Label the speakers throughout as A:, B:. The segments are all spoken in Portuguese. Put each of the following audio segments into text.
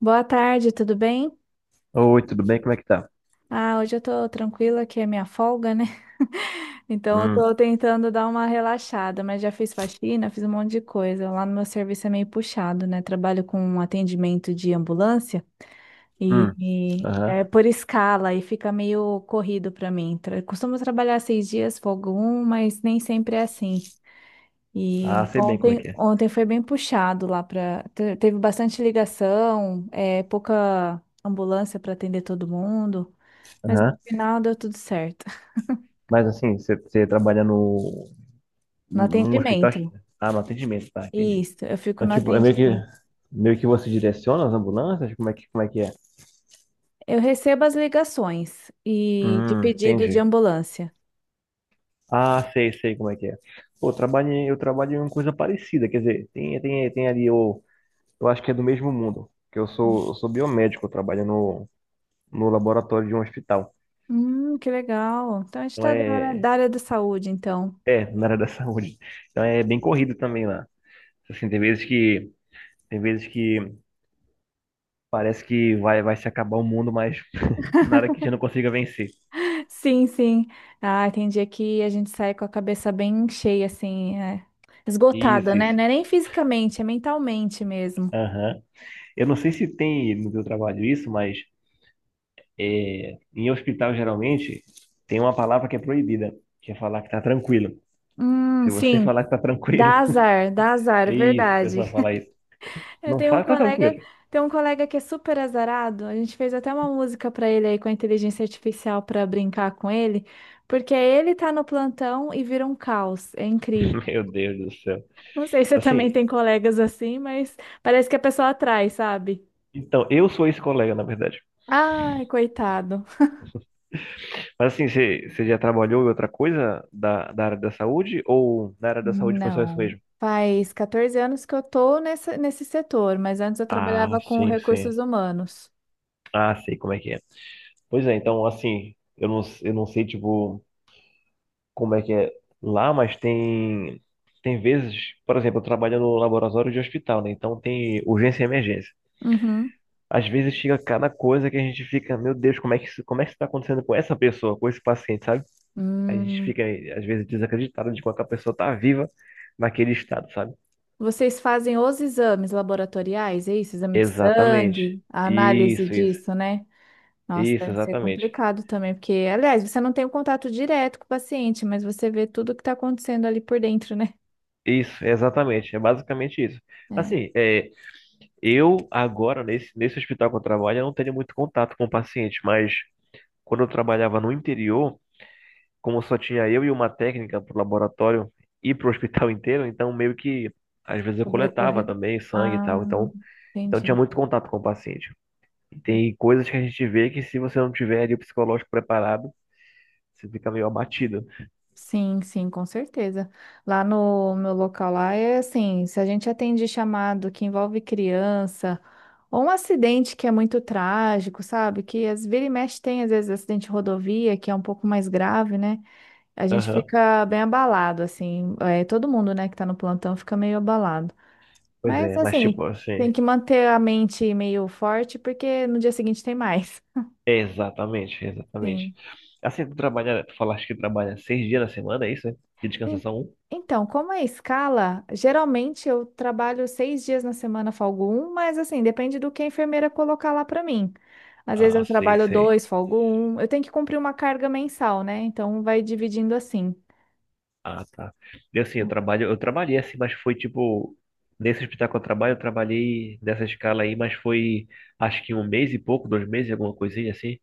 A: Boa tarde, tudo bem?
B: Oi, tudo bem? Como é que tá?
A: Ah, hoje eu tô tranquila, que é minha folga, né? Então eu
B: Hum,
A: tô tentando dar uma relaxada, mas já fiz faxina, fiz um monte de coisa. Lá no meu serviço é meio puxado, né? Trabalho com atendimento de ambulância e,
B: hum,
A: e
B: aham.
A: é por escala e fica meio corrido pra mim. Costumo trabalhar 6 dias, folgo um, mas nem sempre é assim.
B: Ah,
A: E
B: sei bem como é
A: ontem,
B: que é.
A: ontem foi bem puxado lá para. Teve bastante ligação, é, pouca ambulância para atender todo mundo, mas no
B: Aham.
A: final deu tudo certo.
B: Mas assim, você trabalha
A: No
B: num hospital?
A: atendimento.
B: Ah, no atendimento, tá, entendi.
A: Isso, eu fico
B: Então,
A: no
B: tipo,
A: atendimento.
B: meio que você direciona as ambulâncias? Como é que é?
A: Eu recebo as ligações e de pedido de
B: Entendi.
A: ambulância.
B: Ah, sei como é que é. Pô, eu trabalho em uma coisa parecida, quer dizer, tem ali, eu acho que é do mesmo mundo, eu sou biomédico, eu trabalho no laboratório de um hospital.
A: Que legal. Então a gente
B: Então
A: está da área
B: é,
A: da área da saúde, então.
B: É, na área da saúde. Então é bem corrido também lá. Assim, tem vezes que parece que vai se acabar o mundo, mas nada que a gente não consiga vencer.
A: Sim, sim. Ah, tem dia que a gente sai com a cabeça bem cheia, assim, é, esgotada,
B: Isso,
A: né?
B: isso.
A: Não é nem fisicamente, é mentalmente mesmo.
B: Aham. Eu não sei se tem no teu trabalho isso, mas em hospital geralmente tem uma palavra que é proibida, que é falar que tá tranquilo. Se você
A: Sim,
B: falar que tá tranquilo,
A: dá azar, é
B: é isso, o
A: verdade.
B: pessoal fala isso.
A: Eu
B: Não fala que tá tranquilo.
A: tenho um colega que é super azarado. A gente fez até uma música para ele aí com a inteligência artificial para brincar com ele, porque ele tá no plantão e vira um caos. É incrível.
B: Meu Deus do céu.
A: Não sei se você
B: Assim,
A: também tem colegas assim, mas parece que a pessoa atrai, sabe?
B: então eu sou esse colega, na verdade.
A: Ai, coitado.
B: Mas assim, você já trabalhou em outra coisa da área da saúde? Ou na área da saúde foi só isso
A: Não.
B: mesmo?
A: Faz 14 anos que eu tô nessa, nesse setor, mas antes eu
B: Ah,
A: trabalhava com
B: sim, sim.
A: recursos humanos.
B: Ah, sei como é que é. Pois é, então, assim, eu não sei, tipo, como é que é lá, mas tem vezes, por exemplo, eu trabalho no laboratório de hospital, né? Então tem urgência e emergência.
A: Uhum.
B: Às vezes chega cada coisa que a gente fica, meu Deus, como é que isso tá acontecendo com essa pessoa, com esse paciente, sabe? A gente
A: Hum.
B: fica, às vezes, desacreditado de como é que a pessoa tá viva naquele estado, sabe?
A: Vocês fazem os exames laboratoriais, é isso? Exame de
B: Exatamente.
A: sangue, a análise
B: Isso, isso.
A: disso, né? Nossa,
B: Isso,
A: deve ser
B: exatamente.
A: complicado também, porque, aliás, você não tem o contato direto com o paciente, mas você vê tudo o que está acontecendo ali por dentro, né?
B: É basicamente isso.
A: É,
B: Assim, é, eu agora, nesse hospital que eu trabalho, eu não tenho muito contato com o paciente, mas quando eu trabalhava no interior, como só tinha eu e uma técnica para o laboratório e para o hospital inteiro, então meio que às vezes eu coletava
A: sobrecorrer.
B: também sangue e tal.
A: Ah,
B: Então tinha
A: entendi.
B: muito contato com o paciente. E tem coisas que a gente vê que se você não tiver ali o psicológico preparado, você fica meio abatido.
A: Sim, sim, com certeza. Lá no meu local lá é assim, se a gente atende chamado que envolve criança ou um acidente que é muito trágico, sabe? Que às vira e mexe tem às vezes acidente de rodovia que é um pouco mais grave, né? A gente
B: Aham.
A: fica bem abalado assim, é, todo mundo, né, que tá no plantão fica meio abalado.
B: Pois
A: Mas
B: é, mas
A: assim,
B: tipo assim,
A: tem que manter a mente meio forte porque no dia seguinte tem mais.
B: é exatamente, exatamente.
A: Sim.
B: Assim, tu trabalha, tu falaste que trabalha seis dias na semana, é isso? Né? E descansa
A: En-
B: só um?
A: Então, como é escala, geralmente eu trabalho 6 dias na semana, folgo um, mas assim, depende do que a enfermeira colocar lá para mim. Às vezes
B: Ah,
A: eu
B: sei,
A: trabalho
B: sei.
A: 2, folgo um. Eu tenho que cumprir uma carga mensal, né? Então vai dividindo assim.
B: Ah, tá. E assim, eu trabalhei assim, mas foi tipo, nesse hospital que eu trabalho, eu trabalhei nessa escala aí, mas foi acho que um mês e pouco, dois meses, alguma coisinha assim.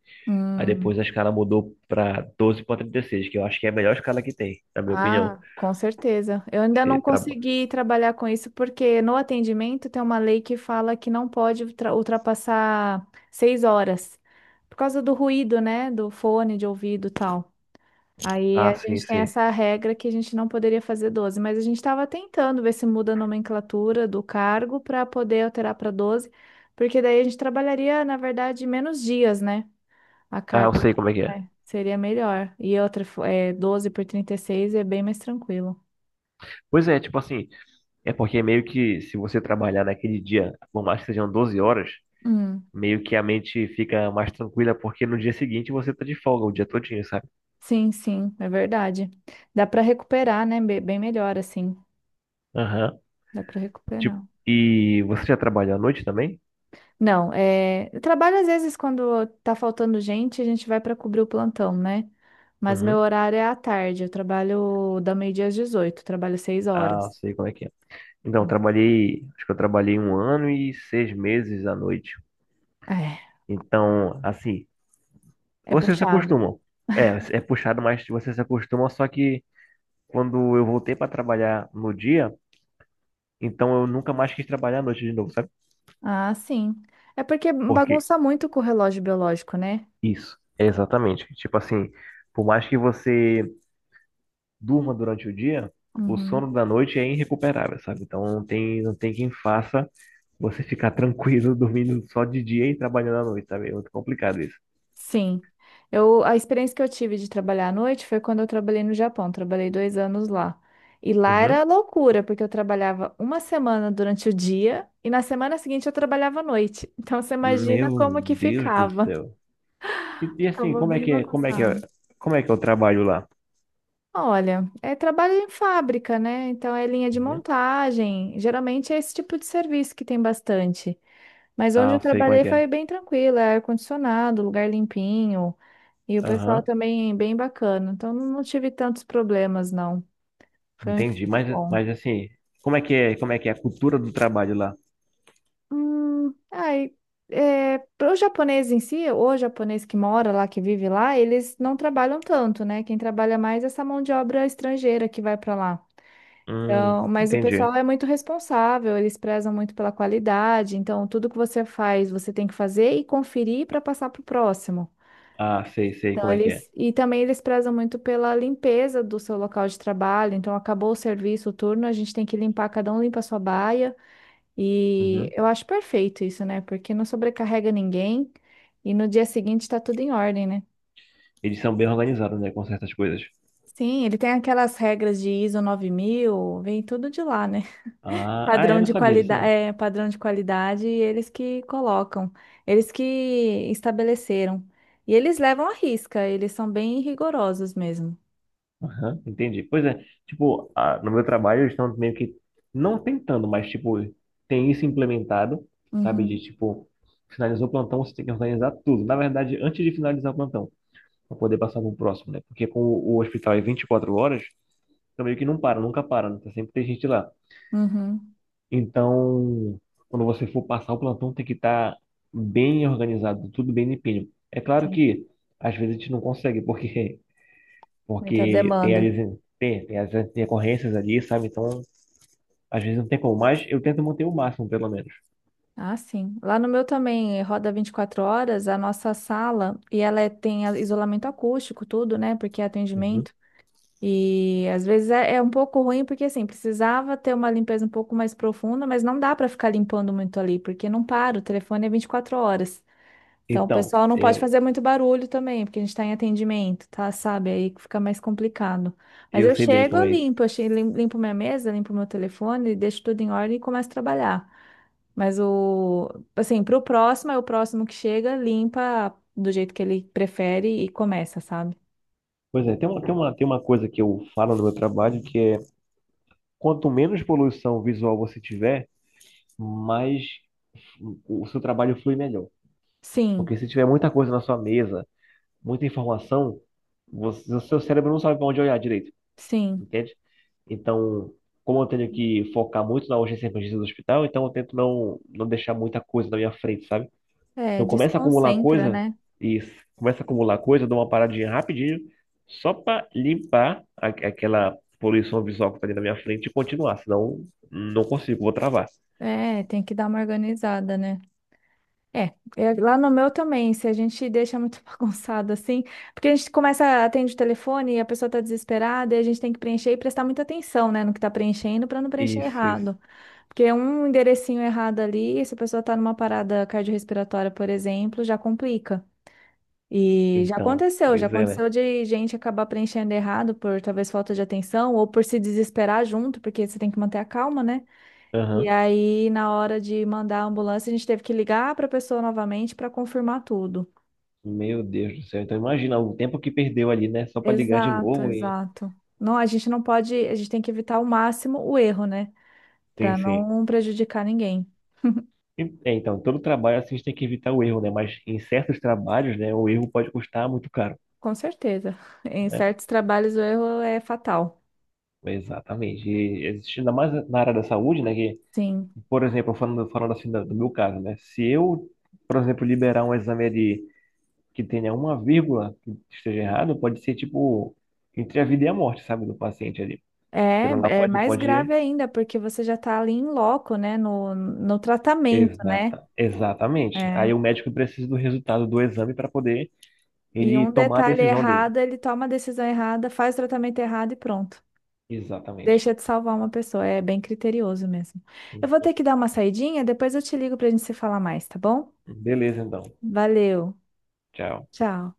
B: Aí
A: Hum,
B: depois a escala mudou pra 12 para trinta e seis, que eu acho que é a melhor escala que tem, na minha opinião.
A: ah, com certeza. Eu ainda
B: Você
A: não
B: traba...
A: consegui trabalhar com isso porque no atendimento tem uma lei que fala que não pode ultrapassar 6 horas por causa do ruído, né? Do fone de ouvido e tal. Aí
B: Ah,
A: a
B: sim,
A: gente tem
B: sim.
A: essa regra que a gente não poderia fazer 12, mas a gente estava tentando ver se muda a nomenclatura do cargo para poder alterar para 12, porque daí a gente trabalharia, na verdade, menos dias, né? A
B: Ah,
A: carga
B: eu sei como é que é.
A: é, seria melhor. E outra, é, 12 por 36 é bem mais tranquilo.
B: Pois é, tipo assim. É porque meio que se você trabalhar naquele dia, por mais que sejam 12 horas,
A: Hum,
B: meio que a mente fica mais tranquila, porque no dia seguinte você tá de folga o dia todinho, sabe?
A: sim, sim, é verdade. Dá para recuperar, né? Bem melhor assim.
B: Aham.
A: Dá para
B: Tipo,
A: recuperar.
B: e você já trabalhou à noite também?
A: Não, é, trabalho às vezes quando tá faltando gente, a gente vai para cobrir o plantão, né? Mas meu
B: Uhum.
A: horário é à tarde. Eu trabalho da meio-dia às 18. Trabalho seis
B: Ah,
A: horas.
B: sei como é que é. Então, eu
A: Sim.
B: trabalhei, acho que eu trabalhei um ano e seis meses à noite.
A: É,
B: Então, assim,
A: é
B: vocês se
A: puxado.
B: acostumam. É, é puxado, mas vocês se acostumam, só que quando eu voltei para trabalhar no dia, então eu nunca mais quis trabalhar à noite de novo, sabe?
A: Ah, sim. É porque
B: Porque
A: bagunça muito com o relógio biológico, né?
B: Isso, exatamente. Tipo assim, por mais que você durma durante o dia, o
A: Uhum.
B: sono da noite é irrecuperável, sabe? Não tem quem faça você ficar tranquilo dormindo só de dia e trabalhando à noite, sabe? É muito complicado isso.
A: Sim. Eu, a experiência que eu tive de trabalhar à noite foi quando eu trabalhei no Japão. Trabalhei 2 anos lá. E lá
B: Uhum.
A: era loucura, porque eu trabalhava uma semana durante o dia e na semana seguinte eu trabalhava à noite. Então você imagina
B: Meu
A: como que
B: Deus do
A: ficava.
B: céu. E assim,
A: Ficava bem bagunçado.
B: como é que é o trabalho lá?
A: Olha, é trabalho em fábrica, né? Então é linha de
B: Uhum.
A: montagem. Geralmente é esse tipo de serviço que tem bastante. Mas onde eu
B: Ah, sei como é
A: trabalhei
B: que
A: foi
B: é.
A: bem tranquilo, é ar-condicionado, lugar limpinho e o pessoal
B: Aham,
A: também bem bacana. Então não tive tantos problemas, não. Foi um
B: entendi.
A: emprego bom.
B: Mas assim, como é que é a cultura do trabalho lá?
A: Ai, é, para o japonês em si, o japonês que mora lá, que vive lá, eles não trabalham tanto, né? Quem trabalha mais é essa mão de obra estrangeira que vai para lá. Então, mas o pessoal
B: Entendi.
A: é muito responsável, eles prezam muito pela qualidade, então tudo que você faz, você tem que fazer e conferir para passar para o próximo.
B: Ah, sei, sei
A: Então,
B: como é que é.
A: e também eles prezam muito pela limpeza do seu local de trabalho. Então, acabou o serviço, o turno, a gente tem que limpar, cada um limpa a sua baia. E
B: Uhum.
A: eu acho perfeito isso, né? Porque não sobrecarrega ninguém e no dia seguinte está tudo em ordem, né?
B: Eles são bem organizados, né, com certas coisas.
A: Sim, ele tem aquelas regras de ISO 9.000. Vem tudo de lá, né?
B: Ah, ah,
A: Padrão
B: eu não
A: de
B: sabia disso,
A: qualidade,
B: não.
A: é, padrão de qualidade, e eles que colocam, eles que estabeleceram. E eles levam à risca, eles são bem rigorosos mesmo.
B: Aham, entendi. Pois é, tipo, ah, no meu trabalho eles estão meio que, não tentando, mas, tipo, tem isso implementado, sabe? De,
A: Uhum,
B: tipo, finalizou o plantão, você tem que organizar tudo. Na verdade, antes de finalizar o plantão, para poder passar para o próximo, né? Porque com o hospital é 24 horas, então meio que não para, nunca para, né? Tá sempre tem gente lá.
A: uhum,
B: Então, quando você for passar o plantão, tem que estar bem organizado, tudo bem limpinho. É claro
A: sim.
B: que às vezes a gente não consegue, porque,
A: Muita
B: porque
A: demanda.
B: tem as intercorrências ali, sabe? Então, às vezes não tem como, mas eu tento manter o máximo, pelo menos.
A: Ah, sim. Lá no meu também roda 24 horas, a nossa sala, e ela tem isolamento acústico, tudo, né? Porque é
B: Uhum.
A: atendimento. E às vezes é um pouco ruim, porque assim, precisava ter uma limpeza um pouco mais profunda, mas não dá para ficar limpando muito ali, porque não para, o telefone é 24 horas. Então, o
B: Então,
A: pessoal não pode fazer muito barulho também, porque a gente está em atendimento, tá? Sabe? Aí que fica mais complicado. Mas
B: eu
A: eu
B: sei bem
A: chego,
B: como
A: eu
B: é isso.
A: limpo, eu limpo minha mesa, limpo meu telefone, deixo tudo em ordem e começo a trabalhar. Mas assim, pro próximo, é o próximo que chega, limpa do jeito que ele prefere e começa, sabe?
B: Pois é, tem uma coisa que eu falo no meu trabalho, que é quanto menos poluição visual você tiver, mais o seu trabalho flui melhor.
A: Sim,
B: Porque se tiver muita coisa na sua mesa, muita informação, você, o seu cérebro não sabe para onde olhar direito,
A: sim.
B: entende? Então, como eu tenho que focar muito na urgência e emergência do hospital, então eu tento não deixar muita coisa na minha frente, sabe?
A: É,
B: Então,
A: desconcentra, né?
B: e começa a acumular coisa, eu dou uma paradinha rapidinho, só para limpar aquela poluição visual que tá ali na minha frente e continuar, senão não consigo, vou travar.
A: É, tem que dar uma organizada, né? É, lá no meu também, se a gente deixa muito bagunçado assim, porque a gente começa, atende o telefone e a pessoa tá desesperada e a gente tem que preencher e prestar muita atenção, né, no que tá preenchendo para não preencher
B: Isso, isso.
A: errado. Porque um enderecinho errado ali, se a pessoa tá numa parada cardiorrespiratória, por exemplo, já complica. E
B: Então,
A: já
B: pois é, né?
A: aconteceu de gente acabar preenchendo errado por talvez falta de atenção ou por se desesperar junto, porque você tem que manter a calma, né? E
B: Aham.
A: aí, na hora de mandar a ambulância, a gente teve que ligar para a pessoa novamente para confirmar tudo.
B: Meu Deus do céu. Então imagina o tempo que perdeu ali, né? Só para ligar de
A: Exato,
B: novo.
A: exato. Não, a gente não pode, a gente tem que evitar ao máximo o erro, né?
B: Sim,
A: Para
B: sim.
A: não prejudicar ninguém.
B: E- é, então, todo trabalho assim, a gente tem que evitar o erro, né? Mas em certos trabalhos, né, o erro pode custar muito caro,
A: Com certeza. Em
B: né?
A: certos trabalhos o erro é fatal.
B: Exatamente. E existe ainda mais na área da saúde, né? Que,
A: Sim.
B: por exemplo, falando assim do, do meu caso, né? Se eu, por exemplo, liberar um exame de, que tenha uma vírgula que esteja errado, pode ser tipo entre a vida e a morte, sabe, do paciente ali.
A: É,
B: Aquilo lá
A: é
B: pode,
A: mais
B: pode.
A: grave ainda, porque você já está ali em loco, né? No tratamento, né?
B: Exata, exatamente.
A: É.
B: Aí o médico precisa do resultado do exame para poder
A: E
B: ele
A: um
B: tomar a
A: detalhe
B: decisão dele.
A: errado, ele toma a decisão errada, faz o tratamento errado e pronto.
B: Exatamente.
A: Deixa de salvar uma pessoa, é bem criterioso mesmo. Eu vou ter que dar uma saidinha, depois eu te ligo pra gente se falar mais, tá bom?
B: Beleza, então.
A: Valeu,
B: Tchau.
A: tchau.